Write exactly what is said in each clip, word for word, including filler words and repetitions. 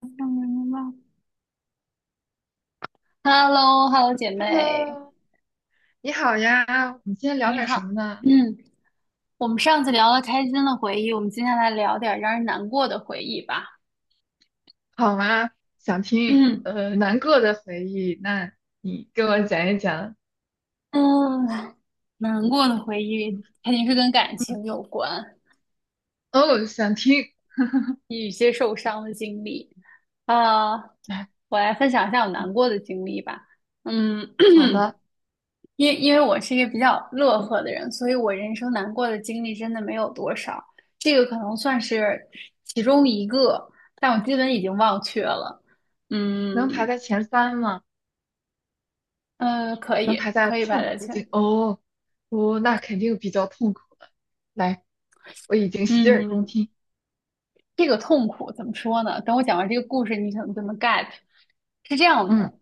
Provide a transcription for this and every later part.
嗯，白。Hello，Hello，姐妹，Hello，你好呀，我们今天聊你点好。什么呢？嗯，我们上次聊了开心的回忆，我们今天来聊点儿让人难过的回忆吧。好吗？想听嗯呃难过的回忆，那你给我讲一讲。嗯。难过的回忆嗯肯定是跟感嗯情有关，哦，想听。与一些受伤的经历。啊，来我来分享一下我嗯，难过的经历吧。嗯。好 的，因为因为我是一个比较乐呵的人，所以我人生难过的经历真的没有多少，这个可能算是其中一个，但我基本已经忘却了。嗯。能排在前三吗？呃，可能以排在可以吧，痛大苦家。这哦哦，那肯定比较痛苦了。来，我已经洗耳恭嗯，听。这个痛苦怎么说呢？等我讲完这个故事，你可能就能 get。是这样的，嗯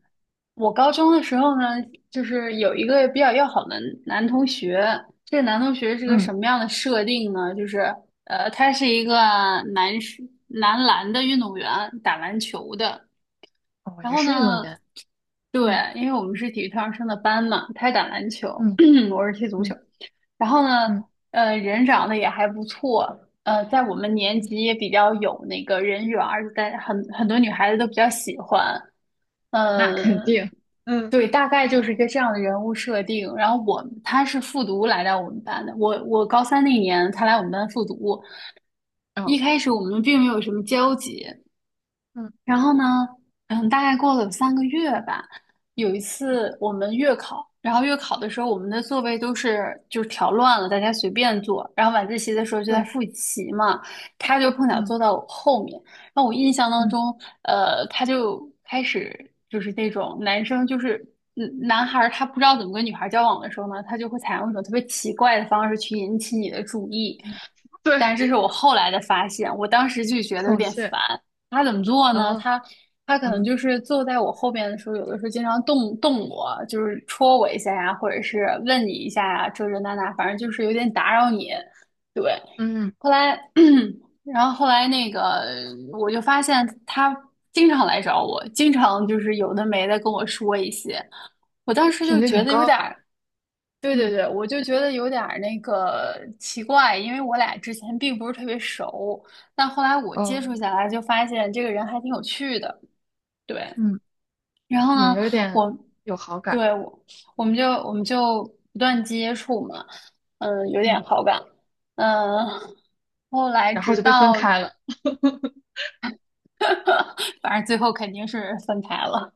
我高中的时候呢，就是有一个比较要好的男同学。这个男同学是个嗯，什么样的设定呢？就是呃，他是一个男士男篮的运动员，打篮球的。哦，然也后是运动呢，员。对，嗯因为我们是体育特长生的班嘛，他打篮球，嗯 我是踢足球。嗯然后呢，嗯呃，人长得也还不错，呃，在我们年嗯，级也比较有那个人缘儿，在很很多女孩子都比较喜欢。那肯嗯，定。嗯对，大概就是一个这样的人物设定。然后我他是复读来到我们班的，我我高三那年他来我们班复读，一哦开始我们并没有什么交集。嗯，然后呢，嗯，大概过了有三个月吧。有一次我们月考，然后月考的时候，我们的座位都是就是调乱了，大家随便坐。然后晚自习的时候就在对，复习嘛，他就碰巧嗯坐到我后面。然后我印象当嗯中，呃，他就开始就是那种男生就是。嗯，男孩儿他不知道怎么跟女孩儿交往的时候呢，他就会采用一种特别奇怪的方式去引起你的注意。对。但是这是我后来的发现，我当时就觉得有孔点雀，烦。他怎么做呢？哦，他他可能嗯就是坐在我后边的时候，有的时候经常动动我，就是戳我一下呀，或者是问你一下呀，这这那那，反正就是有点打扰你。对，嗯，后来，然后后来那个，我就发现他经常来找我，经常就是有的没的跟我说一些，我当时就频率觉很得有点。高，对对嗯对，我就觉得有点儿那个奇怪，因为我俩之前并不是特别熟，但后来我接哦触下来就发现这个人还挺有趣的。对，嗯，然后呢，也有一点我有好感，对我我们就我们就不断接触嘛，嗯，有嗯，点好感。嗯，后来然后直就被分到 开了。反正最后肯定是分开了。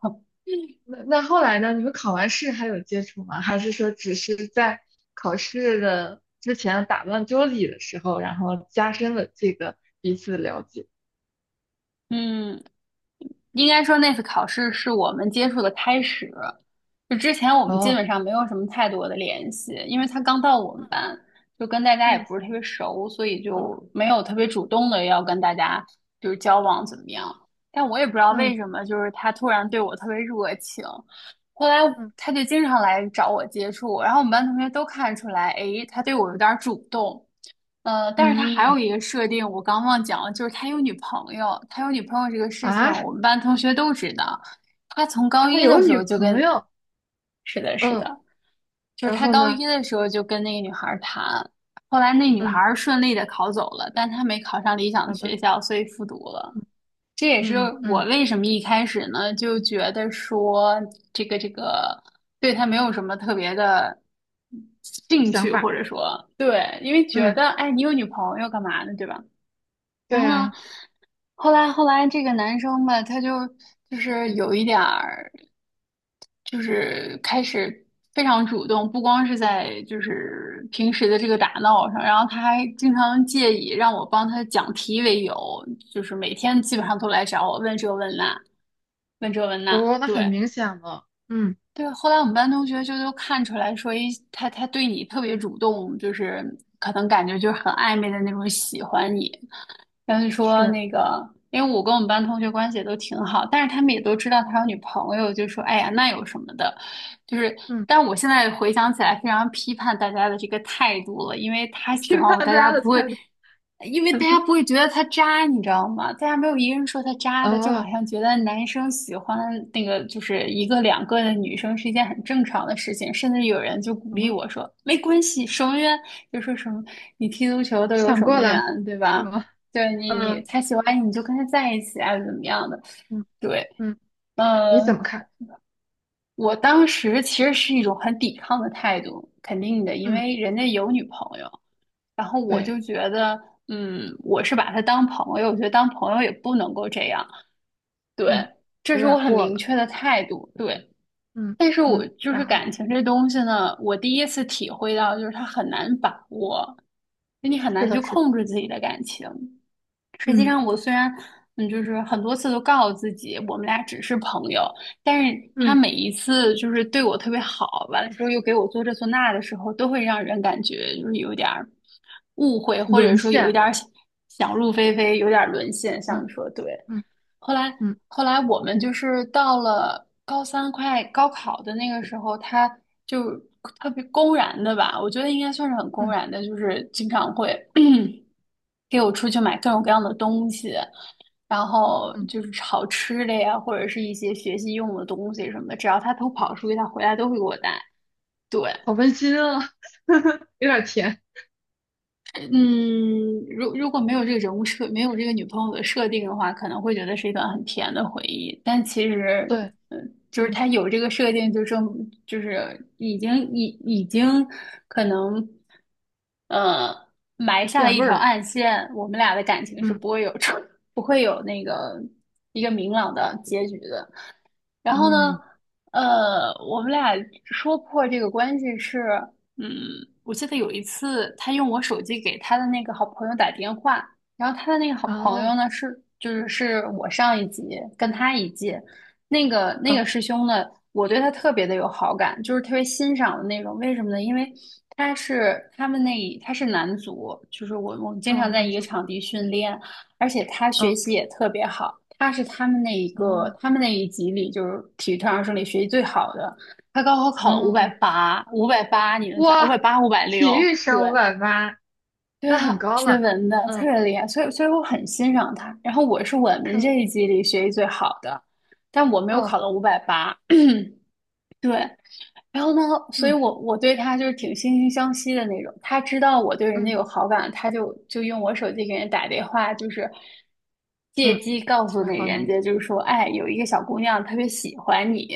那那后来呢？你们考完试还有接触吗？还是说只是在考试的之前打乱桌椅的时候，然后加深了这个彼此的了解？嗯。应该说那次考试是我们接触的开始，就之前我们基哦，本上没有什么太多的联系，因为他刚到我们班，就跟大家也嗯不是特别熟，所以就没有特别主动的嗯要跟大家就是交往怎么样。但我也不知道嗯为什么，就是他突然对我特别热情，后来他就经常来找我接触。然后我们班同学都看出来，诶，他对我有点主动。呃，但是他嗯还嗯有一个设定，我刚忘讲了，就是他有女朋友。他有女朋友这个事情，啊，我们班同学都知道。他从高他一的有时女候就朋跟，友，是的，是嗯，的，就是然他后高呢？一的时候就跟那个女孩儿谈。后来那女孩嗯，儿顺利的考走了，但他没考上理想的好的，学校，所以复读了。这也是嗯嗯我嗯，为什么一开始呢就觉得说这个这个对他没有什么特别的兴想趣，法。或者说对，因为觉嗯。得哎，你有女朋友干嘛呢，对吧？对然后呢，呀、后来后来这个男生吧，他就就是有一点儿，就是开始非常主动。不光是在就是平时的这个打闹上，然后他还经常借以让我帮他讲题为由，就是每天基本上都来找我问这问那，问这问那，哦，那很对。明显了，嗯，对，后来我们班同学就都看出来说，一他他对你特别主动，就是可能感觉就是很暧昧的那种喜欢你。但是说是，那个，因为我跟我们班同学关系也都挺好，但是他们也都知道他有女朋友，就说哎呀那有什么的。就是，嗯，但我现在回想起来，非常批判大家的这个态度了，因为他 喜批欢判我，大大家家的不会，态度，因为大家 不会觉得他渣，你知道吗？大家没有一个人说他渣的，就好哦，像觉得男生喜欢那个就是一个两个的女生是一件很正常的事情，甚至有人就鼓励嗯，我说没关系，守门员就说什么你踢足球都有想守过门员，来对是吧？吗？对你，你嗯他喜欢你，你就跟他在一起啊，怎么样的？嗯对。嗯，你怎嗯，么看？我当时其实是一种很抵抗的态度，肯定的，因嗯，为人家有女朋友，然后我对，就觉得，嗯，我是把她当朋友，我觉得当朋友也不能够这样，对。嗯，这有是我点很过明了，确的态度，对。嗯但是嗯，我就是然后感情这东西呢，我第一次体会到，就是它很难把握，就你很是难去的，是的，控制自己的感情。实际嗯上，我虽然嗯，就是很多次都告诉自己我们俩只是朋友，但是他嗯，每一次就是对我特别好，完了之后又给我做这做那的时候，都会让人感觉就是有一点儿误会，或者沦说有一陷点儿了，想入非非，有点儿沦陷。像你嗯说的对，嗯后来嗯后来我们就是到了高三快高考的那个时候，他就特别公然的吧，我觉得应该算是很公嗯然的，就是经常会，给我出去买各种各样的东西。然后嗯就是好吃的呀，或者是一些学习用的东西什么的，只要他偷跑嗯，出去，他回来都会给我带。对，好温馨啊，有点甜，嗯，如如果没有这个人物设，没有这个女朋友的设定的话，可能会觉得是一段很甜的回忆。但其实，对，嗯，就是嗯，他有这个设定，就证就是已经已已经可能，呃，埋下了变一味条儿，暗线，我们俩的感情是嗯不会有出，不会有那个一个明朗的结局的。然后呢，嗯，呃，我们俩说破这个关系是，嗯，我记得有一次，他用我手机给他的那个好朋友打电话。然后他的那个好朋友哦，呢是，就是是我上一级跟他一届，那个那个嗯师兄呢，我对他特别的有好感，就是特别欣赏的那种。为什么呢？因为他是他们那一他是男足，就是我我们经哦，常在男一个主，场地训练，而且他学嗯习也特别好。他是他们那一个，哦。他们那一级里就是体育特长生里学习最好的。他高考考了五百哦，八，五百八，你能想五百哇，八、五百体六？育对，生五百八，对那啊，很高学了。文的特嗯别厉害，所以所以我很欣赏他。然后我是我们嗯这一级里学习最好的，但我没有哦考到五百八。对，然后呢，所以嗯我我对他就是挺惺惺相惜的那种。他知道我对人家嗯有好感，他就就用我手机给人打电话，就是借嗯，机告诉然那后人呢？家，就是说，哎，有一个小姑娘特别喜欢你，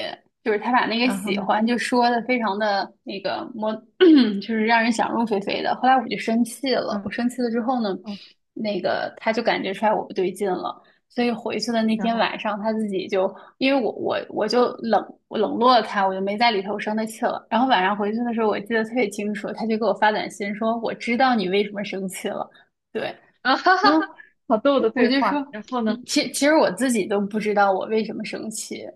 就是他把那个然后喜呢？欢就说的非常的那个模，就是让人想入非非的。后来我就生气了，我嗯生气了之后呢，哦，那个他就感觉出来我不对劲了。所以回去的那然天后晚上，他自己就因为我我我就冷我冷落了他，我就没在里头生他气了。然后晚上回去的时候，我记得特别清楚，他就给我发短信说：“我知道你为什么生气了。”对，啊哈然哈后哈，好逗的我对就说，话。然后呢？嗯其其实我自己都不知道我为什么生气。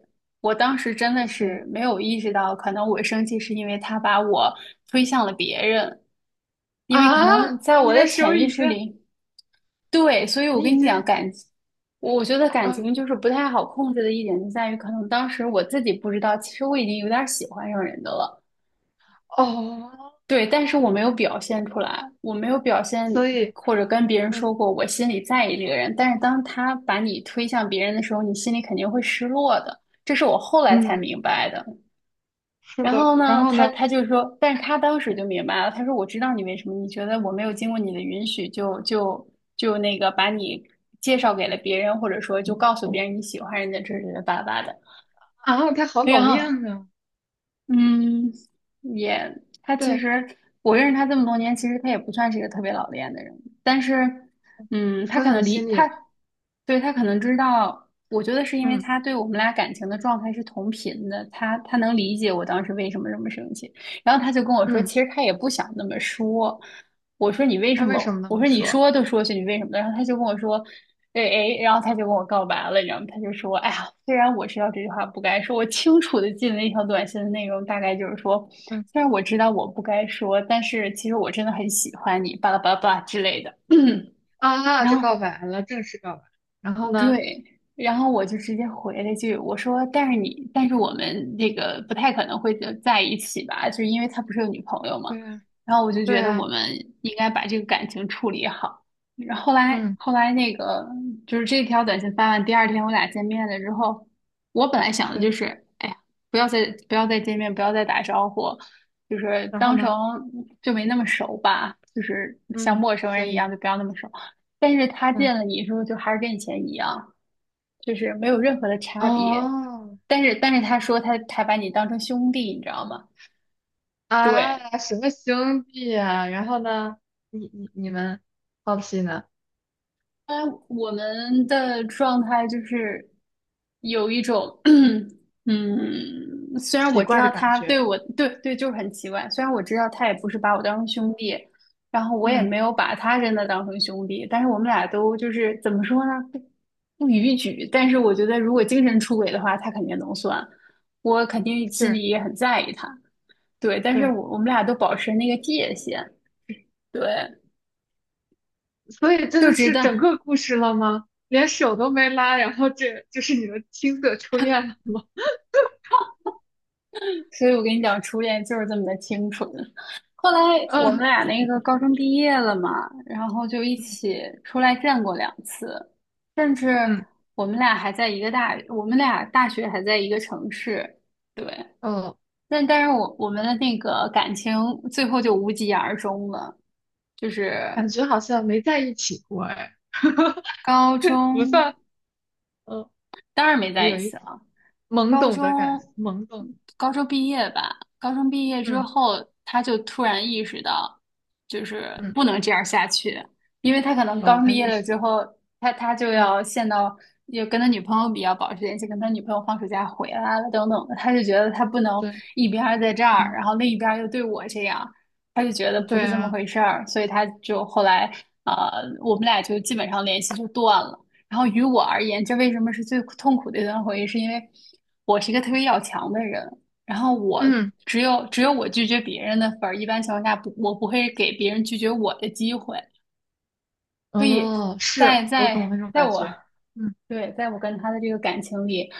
我当时真的是是没有意识到，可能我生气是因为他把我推向了别人，因为可啊，能在我你的的手潜意已识经，里，对，所以我你已跟你讲，经，感，我觉得感嗯情就是不太好控制的一点，就在于可能当时我自己不知道，其实我已经有点儿喜欢上人的了，哦，对，但是我没有表现出来，我没有表现所以或者跟别人嗯说过我心里在意这个人，但是当他把你推向别人的时候，你心里肯定会失落的，这是我后来才嗯，明白的。是然的。后然呢，后他呢？他就说，但是他当时就明白了，他说我知道你为什么，你觉得我没有经过你的允许就就就那个把你介绍给了别人，或者说就告诉别人你喜欢人家，这是巴拉巴拉的。啊，他好然老后练呢。嗯，也，他其对，实我认识他这么多年，其实他也不算是一个特别老练的人，但是，嗯，他说可到你能理心里他，了。对，他可能知道，我觉得是因为嗯他对我们俩感情的状态是同频的，他他能理解我当时为什么这么生气，然后他就跟我说，嗯，其实他也不想那么说，我说你为什那为什么？么那我么说你说？说都说去，你为什么？然后他就跟我说，对，哎，然后他就跟我告白了，你知道吗？他就说，哎呀，虽然我知道这句话不该说，我清楚的记得那条短信的内容大概就是说，嗯。虽然我知道我不该说，但是其实我真的很喜欢你，巴拉巴拉巴拉之类的。啊，啊然就后告白了，正式告白。然后呢，对，然后我就直接回了一句，我说：“但是你，但是我们那个不太可能会在一起吧？就是因为他不是有女朋友嘛。”对呀，然后我就对觉得我呀，们应该把这个感情处理好。然后后来，嗯，后来那个就是这条短信发完，第二天我俩见面了之后，我本来想的是。就是，哎呀，不要再不要再见面，不要再打招呼，就是然后当成呢，就没那么熟吧，就是像嗯，陌生所人一以，样，就不要那么熟。但是他嗯，见了你之后，就还是跟以前一样。就是没有任何的差别。哦，但是，但是他说他他把你当成兄弟，你知道吗？对，啊，什么兄弟呀、然后呢，你你你们好奇呢，当然我们的状态就是有一种，嗯，虽然我奇知怪的道感他对觉，我，对对，就是很奇怪。虽然我知道他也不是把我当成兄弟，然后我也嗯，没有把他真的当成兄弟，但是我们俩都就是怎么说呢？不不逾矩。但是我觉得，如果精神出轨的话，他肯定能算，我肯定心是，里也很在意他。对，但是对。我我们俩都保持那个界限，对，所以这就就知是整道。个故事了吗？连手都没拉，然后这就是你的青涩初恋了吗？所以我跟你讲，初恋就是这么的清纯。后来 我们嗯俩那个高中毕业了嘛，然后就一嗯起出来见过两次，甚至嗯，我们俩还在一个大，我们俩大学还在一个城市，对。哦，但但是我我们的那个感情最后就无疾而终了，就是感觉好像没在一起过哎。高 不中算，嗯当然没呃在一有起一了。懵高懂的感觉，中，懵懂，高中毕业吧。高中毕业之嗯后，他就突然意识到，就是嗯，不能这样下去，因为他可能哦，刚他毕业也了是，之后，他他就嗯，要陷到，又跟他女朋友比较保持联系，跟他女朋友放暑假回来了等等的，他就觉得他不能对，一边儿在这儿，嗯，然后另一边儿又对我这样，他就觉得不对是这么啊，回事儿，所以他就后来，呃，我们俩就基本上联系就断了。然后于我而言，这为什么是最痛苦的一段回忆？是因为我是一个特别要强的人，然后我嗯，只有只有我拒绝别人的份儿，一般情况下不，我不会给别人拒绝我的机会。所以哦，是在我懂在那种在感我觉，嗯对，在我跟他的这个感情里，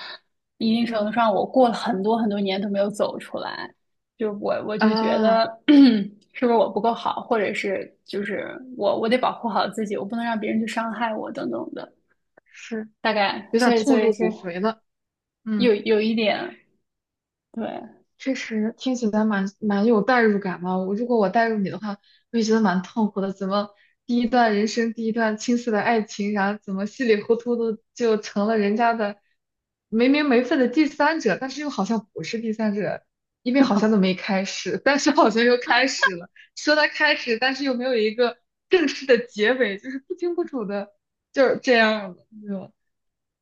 一定程嗯度上，我过了很多很多年都没有走出来。就我我就觉啊，得 是不是我不够好，或者是就是我我得保护好自己，我不能让别人去伤害我等等的。是大概，有所点以痛所以入骨是髓了，嗯。有有一点，对，确实听起来蛮蛮有代入感嘛。我如果我代入你的话，我也觉得蛮痛苦的。怎么第一段人生第一段青涩的爱情，然后怎么稀里糊涂的就成了人家的没名没分的第三者，但是又好像不是第三者，因为好像都没开始，但是好像又开始了。说他开始，但是又没有一个正式的结尾，就是不清不楚的，就是这样的。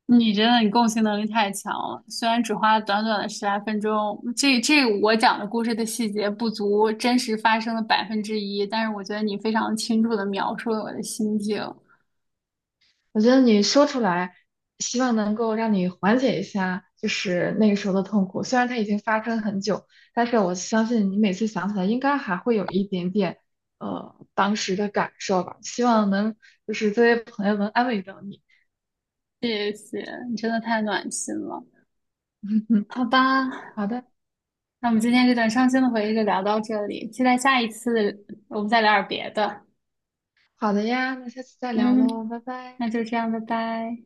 你真的你共情能力太强了。虽然只花了短短的十来分钟，这这我讲的故事的细节不足真实发生的百分之一，但是我觉得你非常清楚地描述了我的心境。我觉得你说出来，希望能够让你缓解一下，就是那个时候的痛苦。虽然它已经发生很久，但是我相信你每次想起来，应该还会有一点点，呃，当时的感受吧。希望能就是这些朋友能安慰到你。谢谢，你真的太暖心了。好吧，好的，那我们今天这段伤心的回忆就聊到这里，期待下一次我们再聊点别的。好的呀，那下次再聊喽，嗯，拜拜。那就这样，拜拜。